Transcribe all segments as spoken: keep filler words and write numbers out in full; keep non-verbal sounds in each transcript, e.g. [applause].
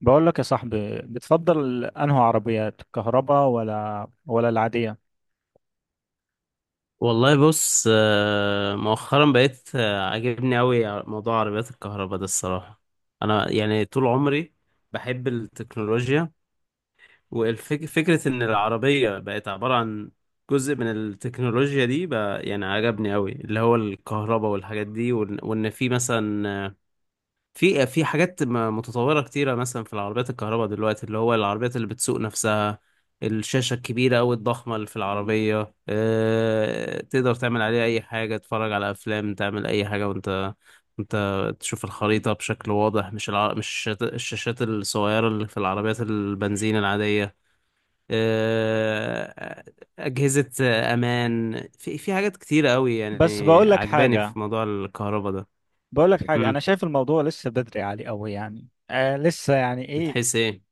بقول لك يا صاحبي، بتفضل انهي عربيات الكهرباء، ولا ولا العادية؟ والله بص آه، مؤخرا بقيت آه، عاجبني قوي موضوع عربيات الكهرباء ده الصراحة. انا يعني طول عمري بحب التكنولوجيا، وفكرة ان العربية بقت عبارة عن جزء من التكنولوجيا دي بقى يعني عجبني قوي، اللي هو الكهرباء والحاجات دي، وان وإن في مثلا في في حاجات م- متطورة كتيرة مثلا في العربيات الكهرباء دلوقتي، اللي هو العربيات اللي بتسوق نفسها، الشاشة الكبيرة أو الضخمة اللي في العربية، أه تقدر تعمل عليها أي حاجة، تتفرج على أفلام، تعمل أي حاجة، وأنت أنت تشوف الخريطة بشكل واضح، مش الع... مش الشاشات الشاشات الصغيرة اللي في العربيات البنزين العادية. أه، أجهزة أمان، في في حاجات كتيرة أوي بس يعني بقول لك عجباني حاجة في موضوع الكهرباء ده. بقول لك حاجة مم. انا شايف الموضوع لسه بدري عليه قوي، يعني آه لسه يعني من ايه، حيث إيه؟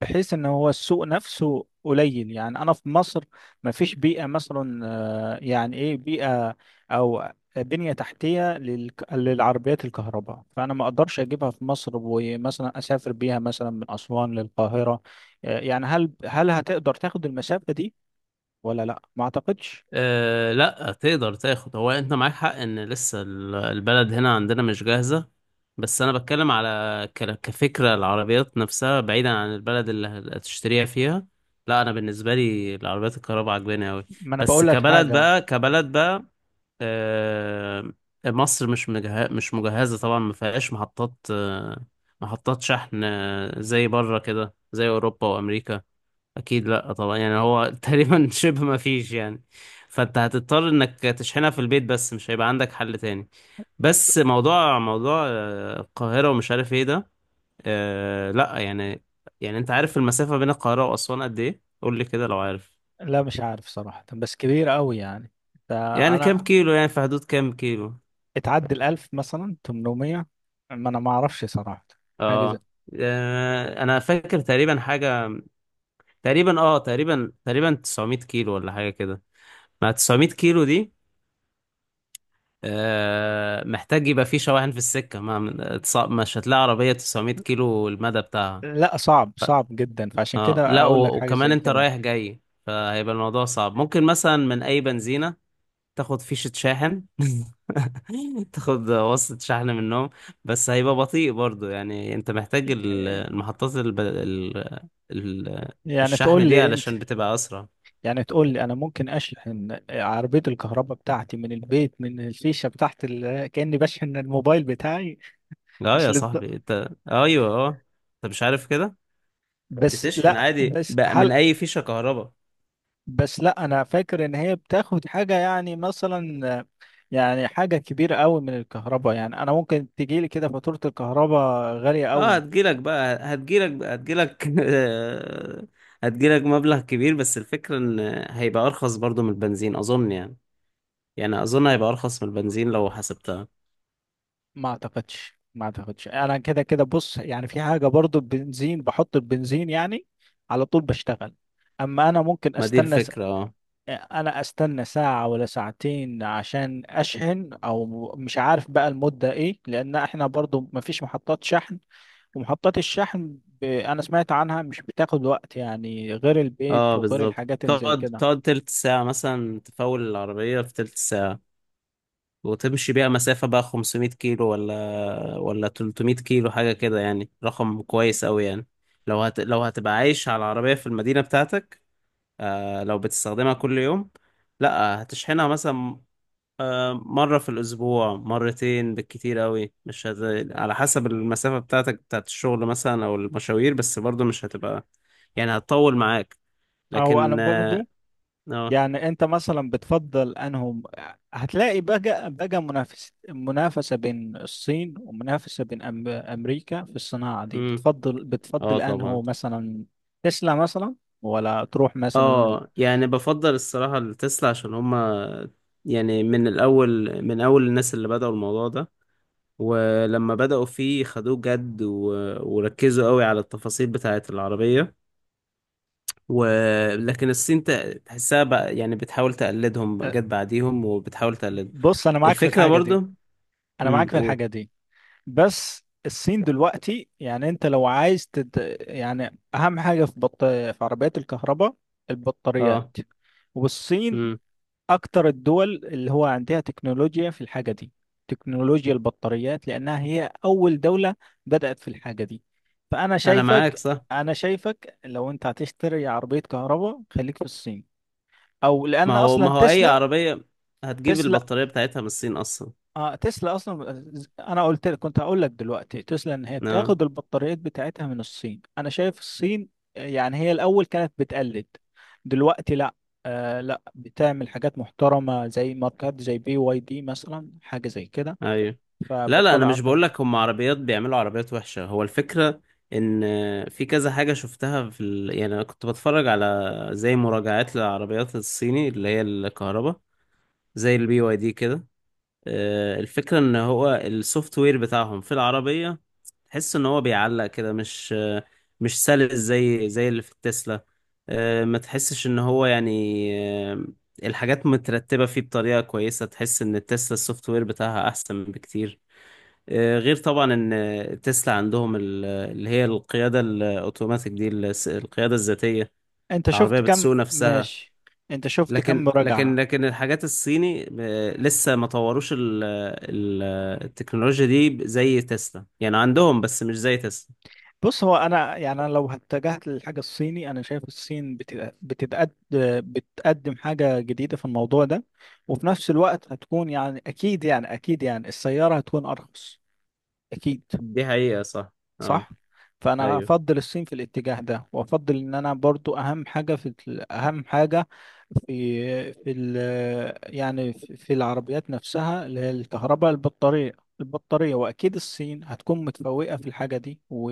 بحيث ان هو السوق نفسه قليل. يعني انا في مصر ما فيش بيئة مثلا، آه يعني ايه بيئة او بنية تحتية لل... للعربيات الكهرباء. فانا ما اقدرش اجيبها في مصر ومثلا اسافر بيها مثلا من اسوان للقاهرة، آه، يعني هل هل هتقدر تاخد المسافة دي ولا لا؟ ما اعتقدش. أه لا تقدر تاخد، هو انت معاك حق ان لسه ال- البلد هنا عندنا مش جاهزة. بس انا بتكلم على ك- كفكرة العربيات نفسها بعيدا عن البلد اللي هتشتريها فيها. لا انا بالنسبة لي العربيات الكهرباء عجباني اوي. ما انا بس بقول لك كبلد حاجه. بقى، كبلد بقى، أه مصر مش مجه... مش مجهزة طبعا، ما فيهاش محطات آه، محطات شحن، آه، زي بره كده، زي اوروبا وامريكا. اكيد لا طبعا، يعني هو [laughs] تقريبا شبه ما فيش يعني. فانت هتضطر انك تشحنها في البيت، بس مش هيبقى عندك حل تاني. بس موضوع موضوع آه، القاهرة ومش عارف ايه ده، آه لا يعني. يعني انت عارف المسافة بين القاهرة واسوان قد ايه؟ قول لي كده لو عارف. لا مش عارف صراحه، بس كبير قوي يعني. ده يعني كام انا كيلو؟ يعني في حدود كام كيلو؟ اتعدى الألف، مثلا تمن مية، ما انا ما اعرفش صراحه، حاجه زي... اه آه، انا فاكر تقريبا حاجة، تقريبا اه، تقريبا، تقريبا تسعميه كيلو ولا حاجة كده. مع تسعميه كيلو دي، آه، محتاج يبقى فيه شواحن في السكة. ما اتص- مش هتلاقي عربية تسعمائة كيلو المدى بتاعها. لا، صعب صعب جدا، فعشان اه كده لا، اقول لك و- حاجه وكمان زي انت كده. رايح جاي، فهيبقى الموضوع صعب. ممكن مثلا من اي بنزينة تاخد فيشة شاحن [laughs] تاخد وصلة شحن منهم، بس هيبقى بطيء برضو. يعني انت محتاج ال- المحطات الب... ال... ال... يعني الشحن تقول دي لي انت، علشان بتبقى اسرع. يعني تقول لي انا ممكن اشحن عربيه الكهرباء بتاعتي من البيت، من الفيشه بتاعت ال... كاني بشحن الموبايل بتاعي؟ اه مش يا للد... صاحبي، انت ايوه اه، انت مش عارف كده؟ بس بتشحن لا عادي بس بقى من هل اي فيشة كهرباء. بس لا انا فاكر ان هي بتاخد حاجه يعني، مثلا يعني حاجه كبيره قوي من الكهرباء. يعني انا ممكن تجيلي كده فاتوره الكهرباء غاليه اه قوي. هتجيلك بقى، هتجيلك بقى، هتجيلك [laughs] آه، هتجيلك مبلغ كبير، بس الفكرة ان هيبقى ارخص برضو من البنزين اظن يعني. يعني اظن هيبقى ارخص من البنزين لو حسبتها. ما اعتقدش ما اعتقدش انا كده كده بص، يعني في حاجه برضو، البنزين بحط البنزين يعني على طول بشتغل. اما انا ممكن ما دي استنى، الفكرة اه. انا استنى ساعة ولا ساعتين عشان اشحن، او مش عارف بقى المدة ايه، لان احنا برضو مفيش محطات شحن، ومحطات الشحن ب... انا سمعت عنها مش بتاخد وقت يعني، غير اه البيت وغير بالظبط، الحاجات اللي زي تقعد كده. تقعد تلت ساعة مثلا، تفول العربية في تلت ساعة وتمشي بيها مسافة بقى خمسميه كيلو ولا ولا ثلاثمائة كيلو، حاجة كده يعني رقم كويس أوي يعني. لو هت... لو هتبقى عايش على العربية في المدينة بتاعتك، آه، لو بتستخدمها كل يوم، لا هتشحنها مثلا آه، مرة في الأسبوع، مرتين بالكتير قوي، مش هت... على حسب المسافة بتاعتك بتاعت الشغل مثلا أو المشاوير، بس برضو مش هتبقى يعني، هتطول معاك، او انا لكن اه. برضو اه يعني انت مثلا بتفضل انهم، هتلاقي بقى بقى منافس منافسة بين الصين ومنافسة بين أم... امريكا في الصناعة دي، مم، بتفضل آه بتفضل انه طبعا. مثلا تسلا مثلا، ولا تروح مثلا؟ اه يعني بفضل الصراحة التسلا عشان هما يعني من الأول، من أول الناس اللي بدأوا الموضوع ده، ولما بدأوا فيه خدوه جد و... وركزوا قوي على التفاصيل بتاعت العربية. ولكن الصين ت- تحسها بقى يعني بتحاول تقلدهم، أه، جت بعديهم وبتحاول تقلد. بص انا معاك في الفكرة الحاجه برضو. دي، انا معاك امم في قول. الحاجه دي بس الصين دلوقتي، يعني انت لو عايز تد... يعني اهم حاجه في بط... في عربيات الكهرباء البطاريات. اه. والصين امم. اكتر الدول اللي هو عندها تكنولوجيا في الحاجه دي، تكنولوجيا البطاريات، لانها هي اول دوله بدأت في الحاجه دي. فانا انا معاك شايفك، صح. انا شايفك لو انت هتشتري عربيه كهرباء خليك في الصين، او ما لان هو، ما اصلا هو اي تسلا عربية هتجيب تسلا البطارية بتاعتها من الصين اصلا. اه تسلا اصلا، انا قلت لك كنت هقول لك دلوقتي تسلا ان هي اه. بتاخد البطاريات بتاعتها من الصين. انا شايف الصين يعني هي الاول كانت بتقلد، دلوقتي لا، آه لا، بتعمل حاجات محترمه زي ماركات زي بي واي دي مثلا، حاجه زي كده، ايوه. لا لا، انا فبتطلع مش عربيات. بقول لك هم عربيات بيعملوا عربيات وحشة، هو الفكرة ان في كذا حاجة شفتها في ال... يعني انا كنت بتفرج على زي مراجعات للعربيات الصيني اللي هي الكهرباء، زي البي واي دي كده. آه، الفكرة ان هو السوفت وير بتاعهم في العربية تحس ان هو بيعلق كده، مش آه، مش سلس زي زي اللي في التسلا. آه، ما تحسش ان هو يعني آه، الحاجات مترتبة فيه بطريقة كويسة، تحس ان التسلا السوفت وير بتاعها احسن بكتير. آه، غير طبعا ان تسلا عندهم ال- اللي هي القيادة الاوتوماتيك دي، الس- القيادة الذاتية، انت شفت العربية كم بتسوق نفسها. ماشي، انت شفت كم لكن لكن مراجعه. لكن الحاجات الصيني آه، لسه ما طوروش ال- ال- التكنولوجيا دي زي تسلا، يعني عندهم بس مش زي تسلا. بص هو انا يعني انا لو اتجهت للحاجه الصيني، انا شايف الصين بت- بتتقد، بتقدم حاجه جديده في الموضوع ده، وفي نفس الوقت هتكون يعني اكيد، يعني اكيد يعني السياره هتكون ارخص اكيد. دي حقيقة صح. اه. صح. فانا ايوه. افضل الصين في الاتجاه ده، وافضل ان انا برضو، اهم حاجه في ال- اهم حاجه في في ال يعني في في العربيات نفسها اللي هي الكهرباء، البطاريه. البطاريه واكيد الصين هتكون متفوقه في الحاجه دي، و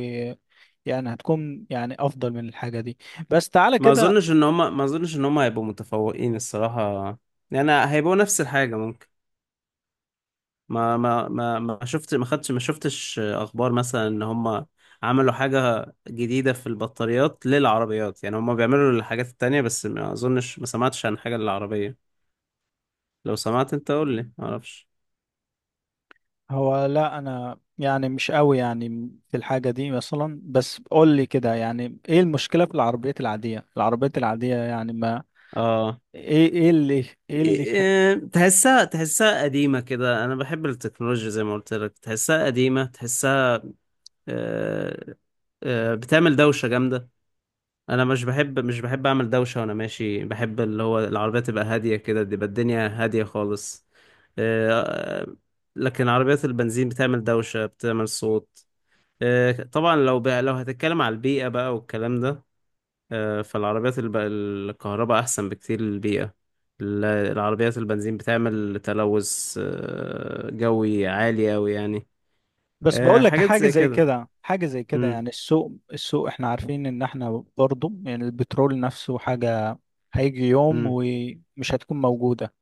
يعني هتكون يعني افضل من الحاجه دي. بس تعالى ما كده. اظنش ان هم، ما اظنش ان هم هيبقوا متفوقين الصراحة. يعني هيبقوا نفس الحاجة ممكن. ما ما ما ما شفت ما خدتش ما شفتش اخبار مثلا ان هم عملوا حاجة جديدة في البطاريات للعربيات. يعني هم بيعملوا الحاجات التانية بس ما اظنش، ما سمعتش عن حاجة للعربية. لو سمعت انت قول لي، معرفش. هو لا، انا يعني مش قوي يعني في الحاجه دي مثلا، بس قول لي كده يعني ايه المشكله في العربيات العاديه؟ العربيات العاديه يعني اه. ايه ايه اللي ايه اللي إيه، تحسها، تحسها قديمة كده. أنا بحب التكنولوجيا زي ما قلت لك، تحسها قديمة، تحسها آه، آه، بتعمل دوشة جامدة. أنا مش بحب مش بحب أعمل دوشة وأنا ماشي، بحب اللي هو العربية تبقى هادية كده، تبقى الدنيا هادية خالص. آه، لكن عربيات البنزين بتعمل دوشة، بتعمل صوت. آه، طبعا لو ب... لو هتتكلم على البيئة بقى والكلام ده، آه، فالعربيات الب... الكهرباء أحسن بكتير للبيئة. ال- العربيات البنزين بتعمل تلوث آه، جوي عالي أوي يعني. بس آه، بقول لك حاجات حاجه زي زي كده. كده، حاجه زي كده مم. يعني السوق السوق، احنا عارفين ان احنا برضه، يعني البترول نفسه حاجه هيجي يوم مم. ومش هتكون موجوده.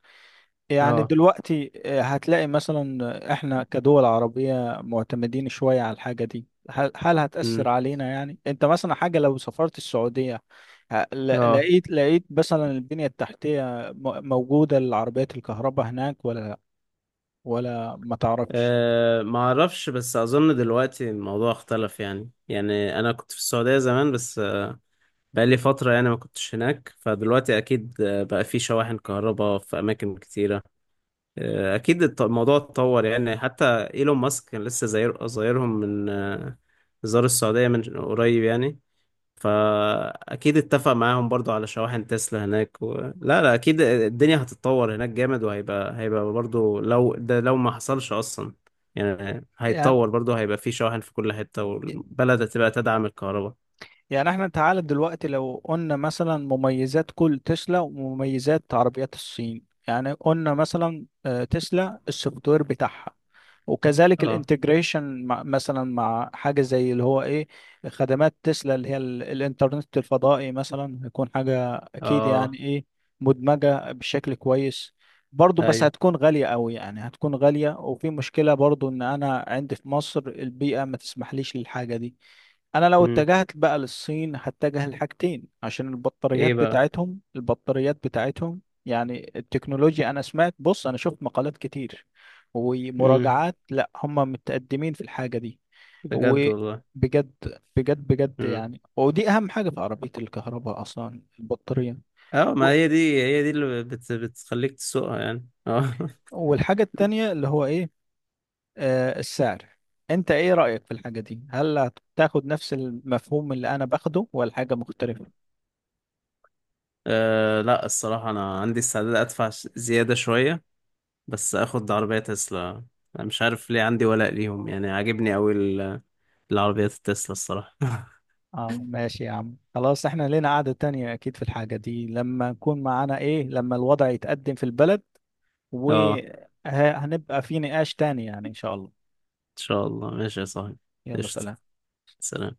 يعني اه. دلوقتي آه، هتلاقي مثلا احنا كدول عربيه معتمدين شويه على الحاجه دي، هل هل هتأثر مم. علينا؟ يعني انت مثلا حاجه لو سافرت السعوديه، ه- ل- اه لقيت لقيت مثلا البنيه التحتيه م- موجوده للعربيات الكهرباء هناك، ولا ولا ما تعرفش؟ آه، ما اعرفش، بس اظن دلوقتي الموضوع اختلف يعني. يعني انا كنت في السعودية زمان، بس آه، بقالي فترة يعني ما كنتش هناك. فدلوقتي اكيد آه، بقى في شواحن كهرباء في اماكن كتيرة. آه، اكيد الت- الموضوع اتطور يعني. حتى ايلون ماسك كان لسه زاير، زايرهم من آه، زار السعوديه من قريب يعني. فاكيد اتفق معاهم برضو على شواحن تسلا هناك و... لا لا اكيد الدنيا هتتطور هناك جامد، وهيبقى، هيبقى برضو لو ده لو ما حصلش اصلا، يعني هيتطور برضو، هيبقى في شواحن في كل حته، والبلد هتبقى تدعم الكهرباء. يعني احنا تعالى دلوقتي لو قلنا مثلا مميزات كل تسلا ومميزات عربيات الصين، يعني قلنا مثلا آه، تسلا السوفت وير بتاعها، وكذلك اه. الانتجريشن مع مثلا، مع حاجة زي اللي هو ايه، خدمات تسلا اللي هي ال- الانترنت الفضائي مثلا، هيكون حاجة اكيد اه. يعني ايه، مدمجة بشكل كويس برضه، بس ايوه. هتكون غالية قوي، يعني هتكون غالية. وفي مشكلة برضه ان انا عندي في مصر البيئة ما تسمحليش للحاجة دي. انا لو امم. اتجهت بقى للصين هتجه لحاجتين، عشان البطاريات ايه بقى؟ بتاعتهم، البطاريات بتاعتهم يعني التكنولوجيا. انا سمعت، بص انا شفت مقالات كتير امم. ومراجعات، لا هم متقدمين في الحاجة دي بجد والله. وبجد. بجد بجد مم. يعني، ودي اهم حاجة في عربية الكهرباء اصلا، البطارية. اه و- ما هي دي، هي دي اللي بت بتخليك تسوقها يعني اه [laughs] والحاجة التانية اللي هو ايه، آه السعر. انت ايه رأيك في الحاجة دي؟ هل هتاخد نفس المفهوم اللي انا باخده ولا حاجة مختلفة؟ آه، لا الصراحة أنا عندي استعداد أدفع ش- زيادة شوية بس أخد عربية تسلا. أنا مش عارف ليه عندي ولاء ليهم، يعني عاجبني أوي ال- العربيات التسلا الصراحة [laughs] اه ماشي يا عم، خلاص. احنا لنا قعدة تانية اكيد في الحاجة دي، لما نكون معانا ايه، لما الوضع يتقدم في البلد، اه وهنبقى في نقاش تاني يعني ان شاء الله. إن شاء الله. ماشي يا صاحبي. يلا قشطة. سلام. سلام.